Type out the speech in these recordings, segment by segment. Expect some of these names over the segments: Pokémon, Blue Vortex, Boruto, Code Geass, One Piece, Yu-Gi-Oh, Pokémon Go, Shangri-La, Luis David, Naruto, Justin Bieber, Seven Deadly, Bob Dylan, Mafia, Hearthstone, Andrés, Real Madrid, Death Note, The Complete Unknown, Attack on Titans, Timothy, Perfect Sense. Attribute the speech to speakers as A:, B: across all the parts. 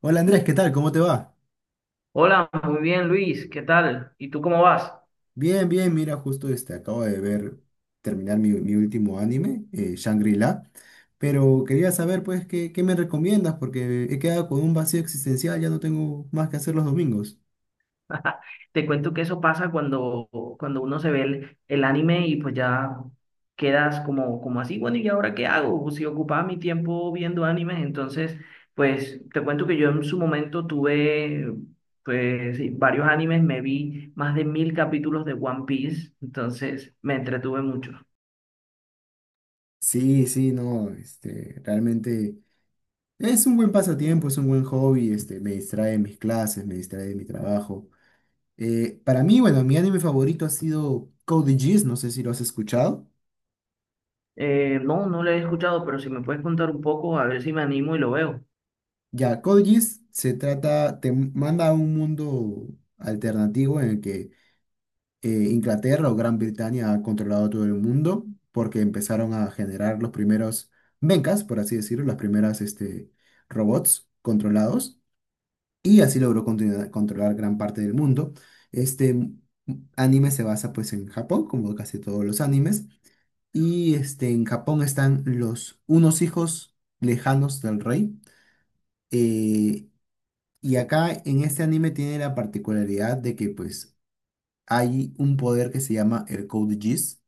A: Hola Andrés, ¿qué tal? ¿Cómo te va?
B: Hola, muy bien Luis, ¿qué tal? ¿Y tú cómo vas?
A: Bien, bien, mira, justo acabo de ver, terminar mi último anime, Shangri-La, pero quería saber pues qué me recomiendas porque he quedado con un vacío existencial, ya no tengo más que hacer los domingos.
B: Te cuento que eso pasa cuando uno se ve el anime y pues ya quedas como, como así, bueno, ¿y ahora qué hago? Pues si ocupaba mi tiempo viendo animes, entonces pues te cuento que yo en su momento tuve pues sí, varios animes, me vi más de mil capítulos de One Piece, entonces me entretuve mucho.
A: Sí, sí, no, realmente es un buen pasatiempo, es un buen hobby, me distrae de mis clases, me distrae de mi trabajo. Para mí, bueno, mi anime favorito ha sido Code Geass, no sé si lo has escuchado.
B: No, no lo he escuchado, pero si me puedes contar un poco, a ver si me animo y lo veo.
A: Ya, Code Geass se trata, te manda a un mundo alternativo en el que Inglaterra o Gran Bretaña ha controlado todo el mundo porque empezaron a generar los primeros mechas, por así decirlo, las primeras robots controlados y así controlar gran parte del mundo. Este anime se basa pues en Japón, como casi todos los animes, y en Japón están los unos hijos lejanos del rey, eh, y acá en este anime tiene la particularidad de que pues hay un poder que se llama el Code Geass,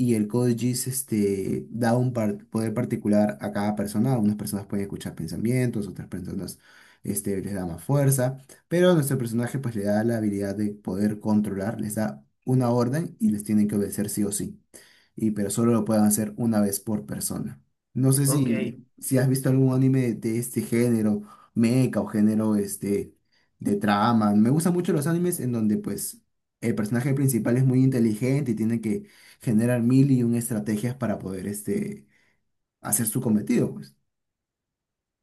A: y el code GIS, da poder particular a cada persona. Algunas personas pueden escuchar pensamientos, otras personas, les da más fuerza, pero a nuestro personaje pues le da la habilidad de poder controlar, les da una orden y les tienen que obedecer sí o sí. Y pero solo lo pueden hacer una vez por persona. No sé
B: Ok.
A: si has visto algún anime de este género, mecha o género, de trama. Me gustan mucho los animes en donde pues el personaje principal es muy inteligente y tiene que generar mil y un estrategias para poder, hacer su cometido, pues.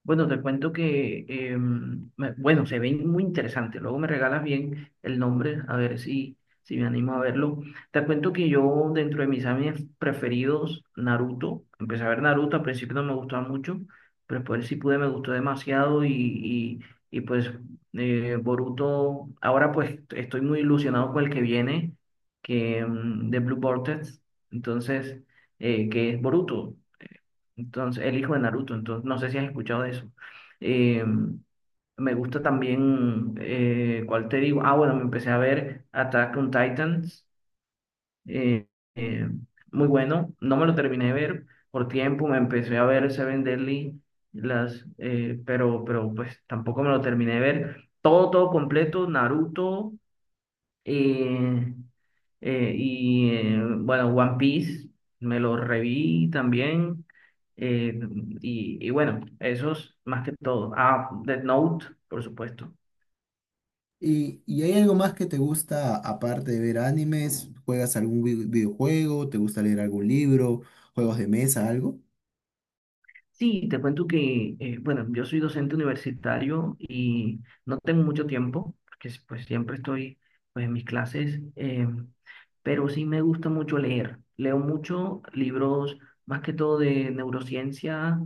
B: Bueno, te cuento que, bueno, se ven muy interesantes. Luego me regalas bien el nombre, a ver si, si me animo a verlo. Te cuento que yo, dentro de mis animes preferidos, Naruto, empecé a ver Naruto, al principio no me gustaba mucho, pero después sí pude, me gustó demasiado y pues Boruto, ahora pues estoy muy ilusionado con el que viene, que de Blue Vortex, entonces, que es Boruto. Entonces, el hijo de Naruto, entonces, no sé si has escuchado de eso. Eh, Me gusta también, ¿cuál te digo? Ah, bueno, me empecé a ver Attack on Titans, eh, eh, muy bueno, no me lo terminé de ver por tiempo, me empecé a ver Seven Deadly, las, pero, pues tampoco me lo terminé de ver. Todo, todo completo, Naruto, eh, y bueno, One Piece me lo reví también. eh, y bueno, esos más que todo. Ah, Death Note, por supuesto.
A: Y hay algo más que te gusta aparte de ver animes? ¿Juegas algún videojuego? ¿Te gusta leer algún libro? ¿Juegos de mesa? ¿Algo?
B: Sí, te cuento que, bueno, yo soy docente universitario y no tengo mucho tiempo, porque pues siempre estoy pues, en mis clases, pero sí me gusta mucho leer. Leo mucho libros, más que todo de neurociencia,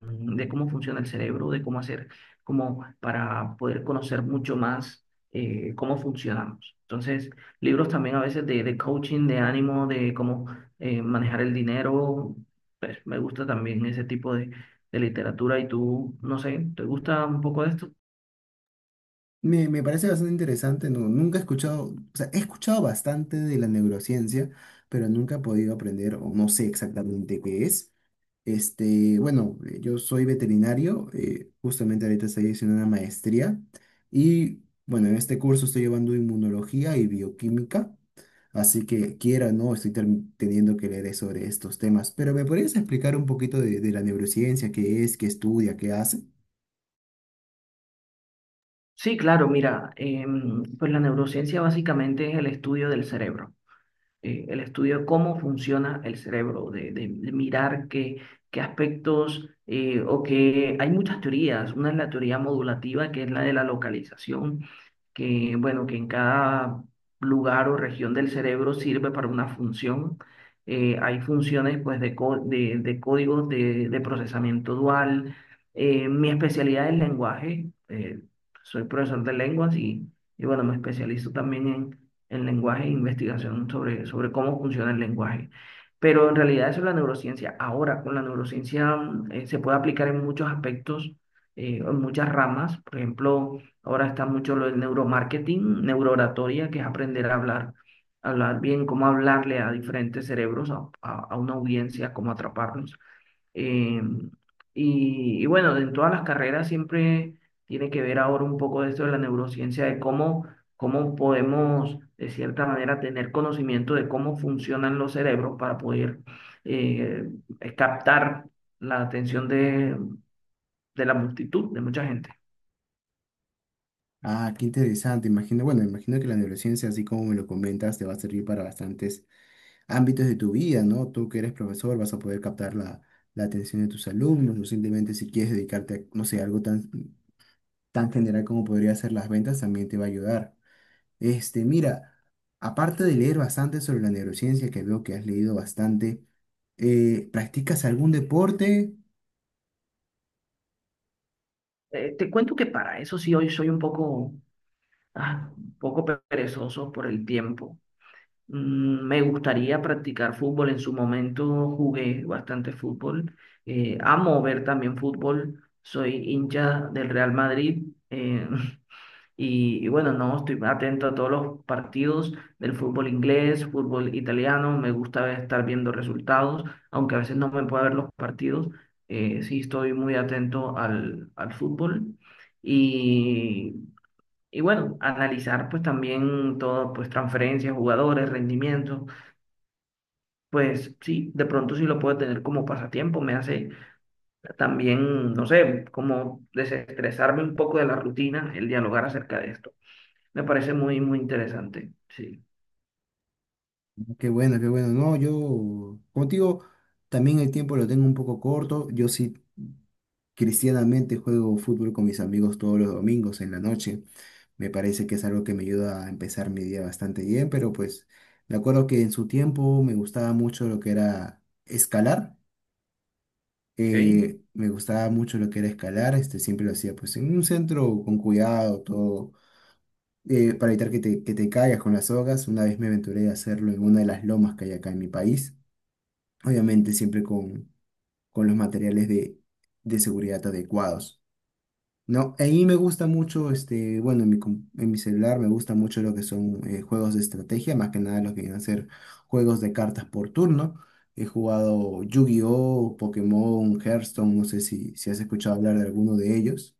B: de cómo funciona el cerebro, de cómo hacer, como para poder conocer mucho más cómo funcionamos. Entonces, libros también a veces de coaching, de ánimo, de cómo manejar el dinero, pues me gusta también ese tipo de literatura. Y tú, no sé, ¿te gusta un poco de esto?
A: Me parece bastante interesante, no, nunca he escuchado, o sea, he escuchado bastante de la neurociencia, pero nunca he podido aprender o no sé exactamente qué es. Bueno, yo soy veterinario, justamente ahorita estoy haciendo una maestría y bueno, en este curso estoy llevando inmunología y bioquímica, así que quiera o no, estoy teniendo que leer sobre estos temas, pero ¿me podrías explicar un poquito de la neurociencia, qué es, qué estudia, qué hace?
B: Sí, claro, mira, pues la neurociencia básicamente es el estudio del cerebro. El estudio de cómo funciona el cerebro, de mirar qué, qué aspectos, o que hay muchas teorías. Una es la teoría modulativa, que es la de la localización, que, bueno, que en cada lugar o región del cerebro sirve para una función. Hay funciones, pues, de códigos de procesamiento dual. Mi especialidad es lenguaje. Soy profesor de lenguas y, bueno, me especializo también en el lenguaje, investigación sobre cómo funciona el lenguaje. Pero en realidad eso es la neurociencia. Ahora, con la neurociencia se puede aplicar en muchos aspectos, en muchas ramas. Por ejemplo, ahora está mucho lo del neuromarketing, neurooratoria, que es aprender a hablar, hablar bien, cómo hablarle a diferentes cerebros, a, a una audiencia, cómo atraparlos. Eh, y bueno, en todas las carreras siempre tiene que ver ahora un poco de esto de la neurociencia, de cómo, cómo podemos, de cierta manera, tener conocimiento de cómo funcionan los cerebros para poder eh, captar la atención de la multitud, de mucha gente.
A: Ah, qué interesante, imagino, bueno, imagino que la neurociencia, así como me lo comentas, te va a servir para bastantes ámbitos de tu vida, ¿no? Tú que eres profesor vas a poder captar la atención de tus alumnos, o simplemente si quieres dedicarte a, no sé, algo tan, tan general como podría ser las ventas, también te va a ayudar. Mira, aparte de leer bastante sobre la neurociencia, que veo que has leído bastante, ¿practicas algún deporte?
B: Te cuento que para eso sí hoy soy un poco, ah, un poco perezoso por el tiempo. Me gustaría practicar fútbol. En su momento jugué bastante fútbol. Amo ver también fútbol. Soy hincha del Real Madrid. eh, y bueno, no, estoy atento a todos los partidos del fútbol inglés, fútbol italiano. Me gusta estar viendo resultados, aunque a veces no me puedo ver los partidos. Sí, estoy muy atento al, al fútbol. Y, bueno, analizar pues también todo, pues transferencias, jugadores, rendimientos pues sí, de pronto sí lo puedo tener como pasatiempo, me hace también, no sé, como desestresarme un poco de la rutina, el dialogar acerca de esto. Me parece muy, muy interesante, sí.
A: Qué bueno, qué bueno. No, yo contigo también el tiempo lo tengo un poco corto. Yo sí cristianamente juego fútbol con mis amigos todos los domingos en la noche. Me parece que es algo que me ayuda a empezar mi día bastante bien, pero pues me acuerdo que en su tiempo me gustaba mucho lo que era escalar.
B: ¿Ok?
A: Me gustaba mucho lo que era escalar, siempre lo hacía pues en un centro con cuidado, todo, para evitar que te caigas con las sogas. Una vez me aventuré a hacerlo en una de las lomas que hay acá en mi país, obviamente siempre con los materiales de seguridad adecuados. No, a mí me gusta mucho, bueno, en en mi celular me gusta mucho lo que son, juegos de estrategia, más que nada lo que vienen a ser juegos de cartas por turno. He jugado Yu-Gi-Oh, Pokémon, Hearthstone, no sé si has escuchado hablar de alguno de ellos.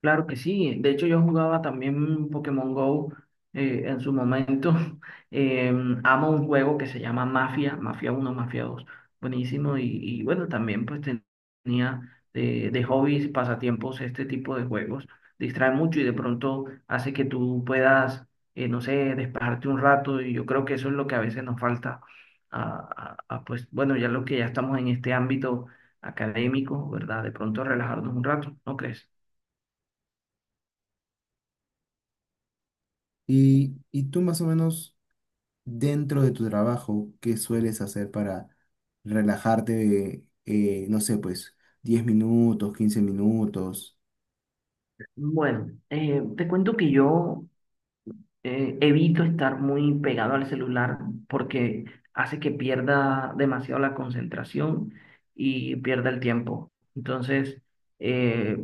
B: Claro que sí. De hecho, yo jugaba también Pokémon Go en su momento. Eh, Amo un juego que se llama Mafia, Mafia uno Mafia 2 buenísimo. Y bueno, también pues tenía de hobbies, pasatiempos, este tipo de juegos. Distrae mucho y de pronto hace que tú puedas, no sé, despejarte un rato. Y yo creo que eso es lo que a veces nos falta. A, a, pues bueno, ya lo que ya estamos en este ámbito académico, ¿verdad? De pronto relajarnos un rato, ¿no crees?
A: Y tú más o menos dentro de tu trabajo, ¿qué sueles hacer para relajarte, no sé, pues 10 minutos, 15 minutos?
B: Bueno, te cuento que yo evito estar muy pegado al celular porque hace que pierda demasiado la concentración y pierda el tiempo. Entonces, eh,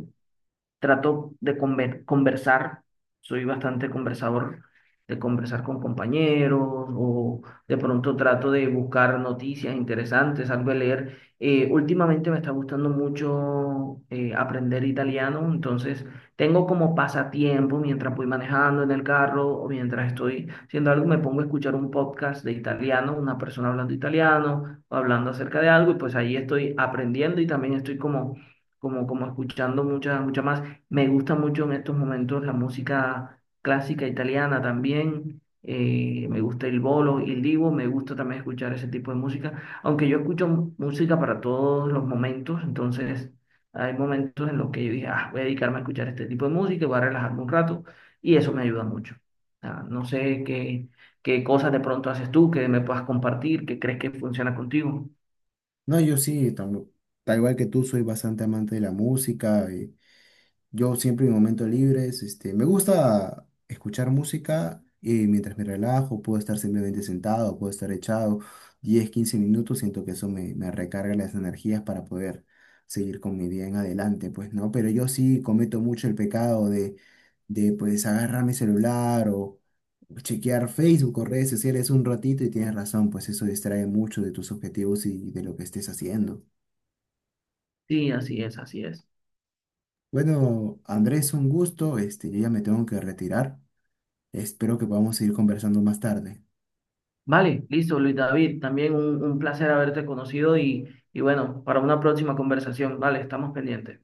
B: trato de conversar, soy bastante conversador, de conversar con compañeros o de pronto trato de buscar noticias interesantes, algo de leer. Últimamente me está gustando mucho aprender italiano, entonces tengo como pasatiempo mientras voy manejando en el carro o mientras estoy haciendo algo, me pongo a escuchar un podcast de italiano, una persona hablando italiano o hablando acerca de algo y pues ahí estoy aprendiendo y también estoy como... Como, como escuchando muchas mucha más. Me gusta mucho en estos momentos la música clásica italiana también. Me gusta el bolo y el divo. Me gusta también escuchar ese tipo de música. Aunque yo escucho música para todos los momentos, entonces hay momentos en los que yo dije, ah, voy a dedicarme a escuchar este tipo de música y voy a relajarme un rato. Y eso me ayuda mucho. Ah, no sé qué, qué cosas de pronto haces tú que me puedas compartir, que crees que funciona contigo.
A: No, yo sí, tal igual que tú, soy bastante amante de la música. Yo siempre en momentos libres, me gusta escuchar música y mientras me relajo, puedo estar simplemente sentado, puedo estar echado 10, 15 minutos, siento que me recarga las energías para poder seguir con mi día en adelante, pues, ¿no? Pero yo sí cometo mucho el pecado de, agarrar mi celular o chequear Facebook o redes sociales un ratito y tienes razón, pues eso distrae mucho de tus objetivos y de lo que estés haciendo.
B: Sí, así es, así es.
A: Bueno, Andrés, un gusto, yo ya me tengo que retirar. Espero que podamos seguir conversando más tarde.
B: Vale, listo, Luis David, también un placer haberte conocido y bueno, para una próxima conversación, vale, estamos pendientes.